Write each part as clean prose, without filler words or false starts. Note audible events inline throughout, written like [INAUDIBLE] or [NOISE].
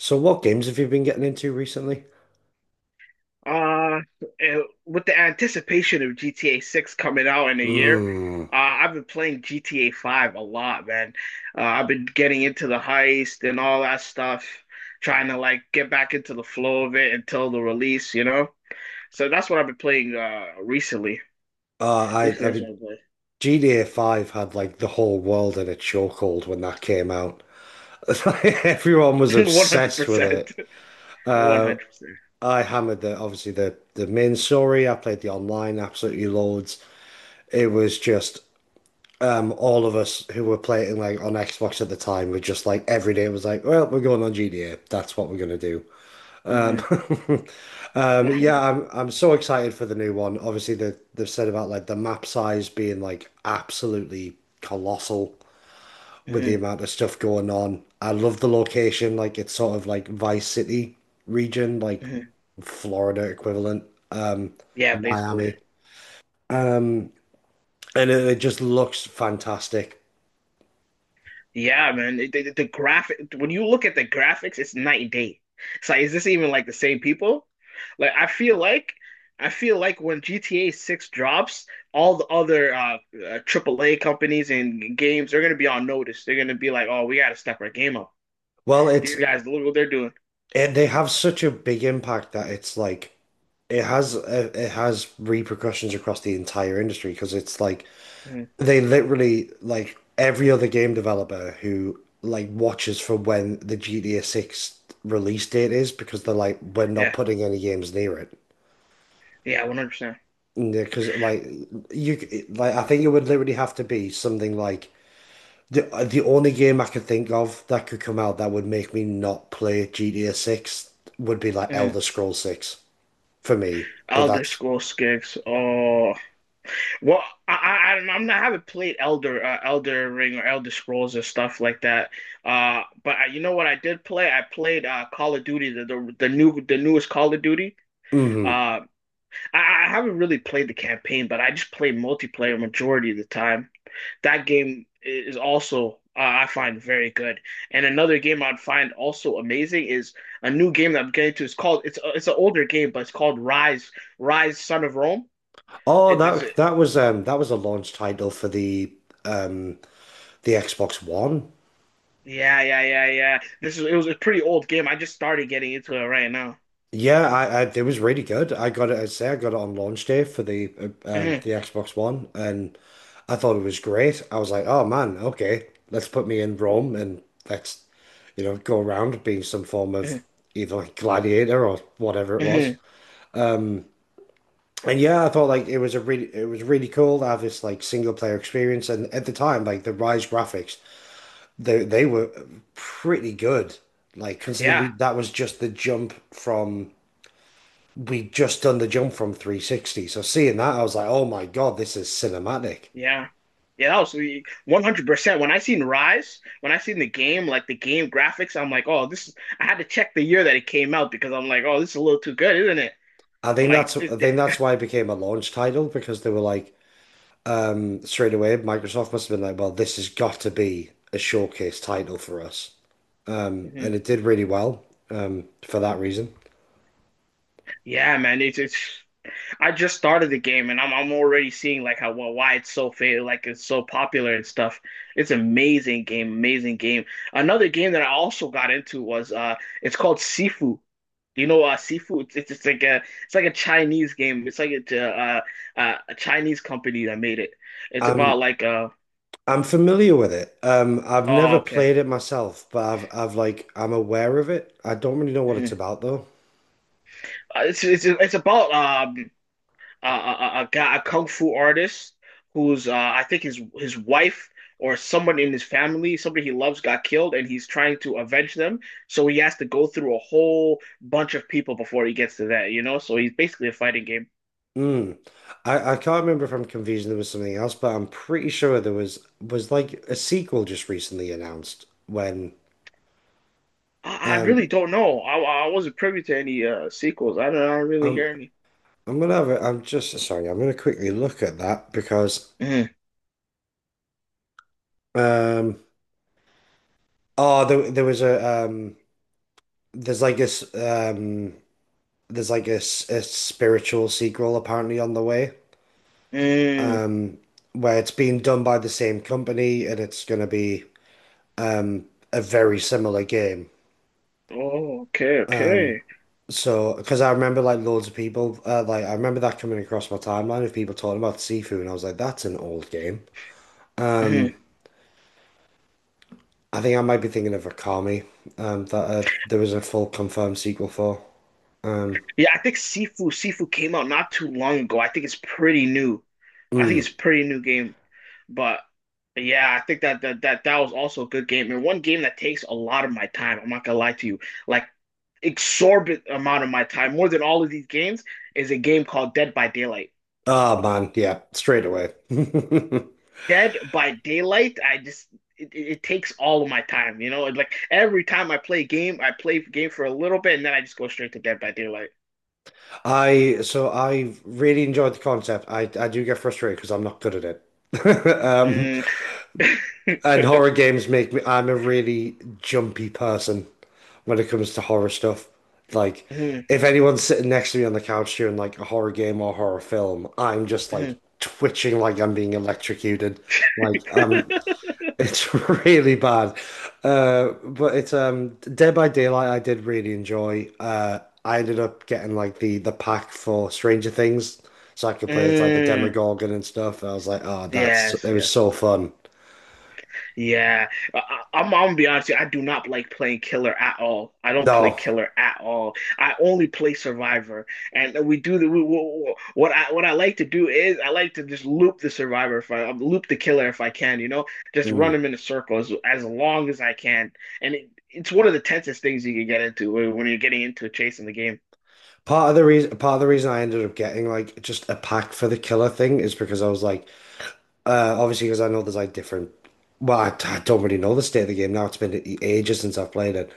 So what games have you been getting into recently? Uh, and with the anticipation of GTA 6 coming out in a year, Mm. I've been playing GTA 5 a lot, man. I've been getting into the heist and all that stuff, trying to like get back into the flow of it until the release, you know? So that's what I've been playing recently. Uh, I Recently, I that's mean what I play. GTA 5 had like the whole world in a chokehold when that came out. [LAUGHS] Everyone was [LAUGHS] obsessed with 100%. it. Uh, 100%. Percent I hammered the obviously the main story. I played the online absolutely loads. It was just all of us who were playing like on Xbox at the time were just like every day it was like, well, we're going on GTA. That's what we're gonna do. Hmm. Um, [LAUGHS] yeah, 100. I'm so excited for the new one. Obviously, they've said about like the map size being like absolutely colossal with the Hmm. amount of stuff going on. I love the location, like it's sort of like Vice City region, like Hmm. Florida equivalent, um, Yeah, basically. Miami, um, and it just looks fantastic. Yeah, man. The graphic when you look at the graphics, it's night and day. It's like, is this even like the same people? Like, I feel like when GTA 6 drops, all the other AAA companies and games they're gonna be on notice. They're gonna be like, oh, we gotta step our game up. Well, it's These guys, look what they're doing. They have such a big impact that it's like it has repercussions across the entire industry because it's like Mhm. they literally like every other game developer who like watches for when the GTA 6 release date is because they're like we're not Yeah, putting any games near it. yeah, 100%. Because like you like I think it would literally have to be something like the the only game I could think of that could come out that would make me not play GTA 6 would be like Mhm. Elder Scrolls 6 for me. But Elder that's Scrolls Six. Oh, well, I don't know. I'm not, I haven't played Elder Ring or Elder Scrolls and stuff like that. But you know what I did play? I played Call of Duty, the newest Call of Duty. hmm Uh, I haven't really played the campaign, but I just play multiplayer majority of the time. That game is also I find very good. And another game I'd find also amazing is a new game that I'm getting to. It's an older game, but it's called Rise Son of Rome. Oh, It's that was that was a launch title for um the Xbox One. Yeah, yeah, yeah, yeah. This is It was a pretty old game. I just started getting into it right now. Yeah, I it was really good. I got it. I'd say I got it on launch day for Mhm, the Xbox One, and I thought it was great. I was like, oh man, okay, let's put me in Rome and let's, you know, go around being some form of mhm, either like gladiator or whatever it was. mhm. And yeah, I thought like it was a really it was really cool to have this like single player experience. And at the time, like the Rise graphics, they were pretty good. Like considering we Yeah, that was just the jump from. We just done the jump from 360. So seeing that, I was like, oh my God, this is cinematic. yeah. Yeah, that was 100%. When I seen Rise, when I seen the game, like the game graphics, I'm like, oh, this is, I had to check the year that it came out because I'm like, oh, this is a little too good, isn't it? I'm like, this, I think this- that's why it became a launch title because they were like, straight away, Microsoft must have been like, well, this has got to be a showcase title for us. And Mhm. it did really well, for that reason. Yeah, man. It's I just started the game and I'm already seeing like why it's so fa like it's so popular and stuff. It's amazing game, amazing game. Another game that I also got into was it's called Sifu. Do you know Sifu? It's like a Chinese game. It's like a Chinese company that made it. It's about Um, like uh I'm familiar with it. I've oh never okay. played [LAUGHS] it myself, but I'm aware of it. I don't really know what it's Mhm. about though. It's about a guy, a kung fu artist who's I think his wife or someone in his family, somebody he loves, got killed, and he's trying to avenge them. So he has to go through a whole bunch of people before he gets to that. So he's basically a fighting game. Mm. I can't remember if I'm confusing. There was something else, but I'm pretty sure there was like a sequel just recently announced. When I um, really don't know. I wasn't privy to any sequels. I don't really I'm hear any. Gonna I'm just sorry. I'm gonna quickly look at that because Mm, um, oh, there was a there's like this um, there's like a, a spiritual sequel apparently on the way. mm. Um, where it's being done by the same company and it's gonna be um a very similar game. Oh, okay, Um, okay. so because I remember like loads of people, like I remember that coming across my timeline of people talking about Sifu, and I was like, that's an old game. Mhm. Um, I think I might be thinking of Akami, that there was a full confirmed sequel for. Um, Yeah, I think Sifu came out not too long ago. I think it's pretty new. I think it's mm. a pretty new game. But But yeah, I think that was also a good game and one game that takes a lot of my time. I'm not gonna lie to you, like exorbitant amount of my time, more than all of these games, is a game called Dead by Daylight. Oh man, yeah, straight away. [LAUGHS] Dead by Daylight, I just it takes all of my time, you know. And like every time I play a game, I play a game for a little bit and then I just go straight to Dead by Daylight. I so I really enjoyed the concept. I do get frustrated because I'm not good at it. [LAUGHS] Um, Mm. and [LAUGHS] horror games make me, I'm a really jumpy person when it comes to horror stuff. Like, Mm, if anyone's sitting next to me on the couch during like a horror game or horror film, I'm just like mm. twitching like I'm being electrocuted. Like, [LAUGHS] it's [LAUGHS] really bad. But it's Dead by Daylight. I did really enjoy. I ended up getting like the pack for Stranger Things, so I could play as like the Mm. Demogorgon and stuff. I was like, oh, that's Yes, it was yes. so fun. Yeah, I, I- am I'm gonna be honest. With you, I do not like playing killer at all. I don't play No. killer at all. I only play survivor, and we do the we- what I like to do is I like to just loop the survivor if I loop the killer if I can. You know, just run Mm. them in a circle as long as I can, and it's one of the tensest things you can get into when you're getting into a chase in the game. Part of the reason I ended up getting like just a pack for the killer thing is because I was like, obviously because I know there's like different. Well, I don't really know the state of the game now. Ages since I've played it,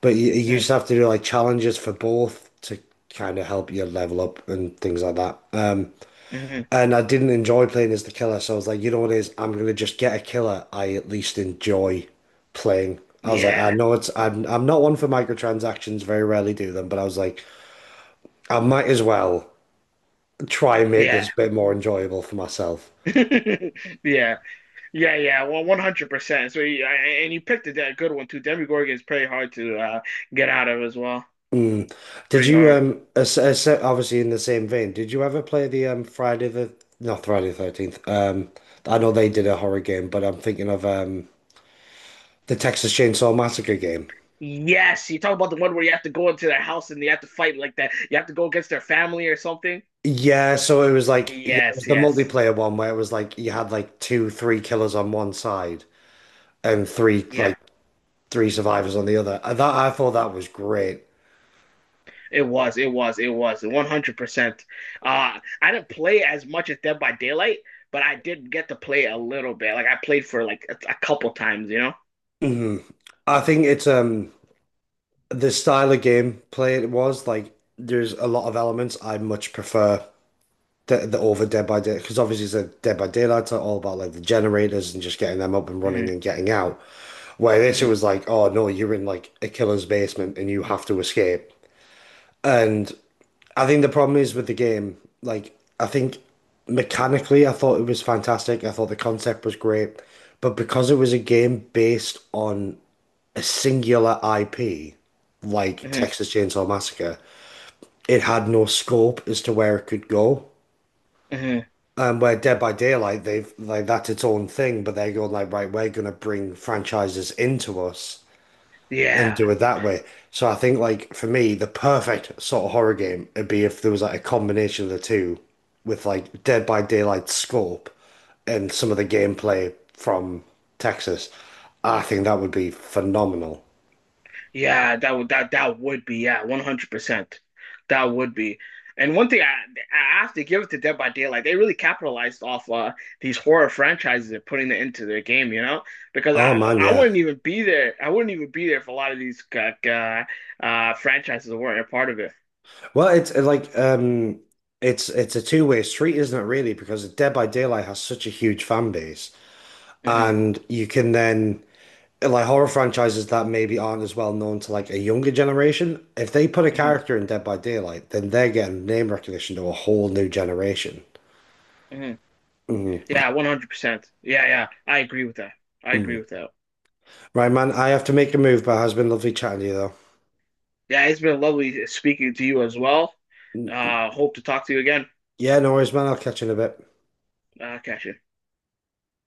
but you used Mm, to have to do like challenges for both to kind of help you level up and things like that. Mhm. And I didn't enjoy playing as the killer, so I was like, you know what it is? I'm gonna just get a killer I at least enjoy playing. I was like, I Yeah, know it's I'm not one for microtransactions, very rarely do them, but I was like, I might as well try and make yeah, this a bit more enjoyable for myself. [LAUGHS] yeah. Yeah, yeah, well, 100%. So, and you picked a good one too. Demogorgon is pretty hard to get out of as well. Mm. Did Pretty you hard. Obviously in the same vein, did you ever play the Friday the not Friday the 13th. I know they did a horror game, but I'm thinking of the Texas Chainsaw Massacre game. Yes, you talk about the one where you have to go into their house and you have to fight like that. You have to go against their family or something. Yeah, so it was like yeah, it was Yes, the yes. multiplayer one where it was like you had like three killers on one side and Yeah, three survivors on the other. That I thought that was great. it was 100%. I didn't play as much as Dead by Daylight, but I did get to play a little bit. Like, I played for like a couple times, you know? Mhm. I think it's the style of gameplay it was like there's a lot of elements I much prefer the over Dead by Day because obviously it's a Dead by Daylight are all about like the generators and just getting them up and running and Hmm. getting out. Where this it Hmm. was like, oh no, you're in like a killer's basement and you have to escape. And I think the problem is with the game, like I think mechanically I thought it was fantastic. I thought the concept was great, but because it was a game based on a singular IP, like Hmm. Texas Chainsaw Massacre, it had no scope as to where it could go. Hmm. And where Dead by Daylight, they've like that's its own thing, but they're going like, right, we're gonna bring franchises into us and Yeah. do it that way. So I think like for me, the perfect sort of horror game would be if there was like a combination of the two with like Dead by Daylight scope and some of the gameplay from Texas. I think that would be phenomenal. Yeah, that would be yeah, 100%. That would be. And one thing I have to give it to Dead by Daylight, they really capitalized off these horror franchises and putting it into their game, you know? Because Oh I man, I yeah. wouldn't even be there. I wouldn't even be there if a lot of these franchises weren't a part of it. Well, it's it's a two-way street, isn't it, really? Because Dead by Daylight has such a huge fan base. Hmm. And you can then like horror franchises that maybe aren't as well known to like a younger generation, if they put a Hmm. character in Dead by Daylight, then they're getting name recognition to a whole new generation. Hmm. Mm, Yeah, 100%. Yeah, yeah. I agree with that. I agree mm. with that. Right, man, I have to make a move, but it has been lovely chatting to you though. Yeah, it's been lovely speaking to you as well. Hope to talk to you again. Yeah, no worries, man. I'll catch you in a bit. Catch you.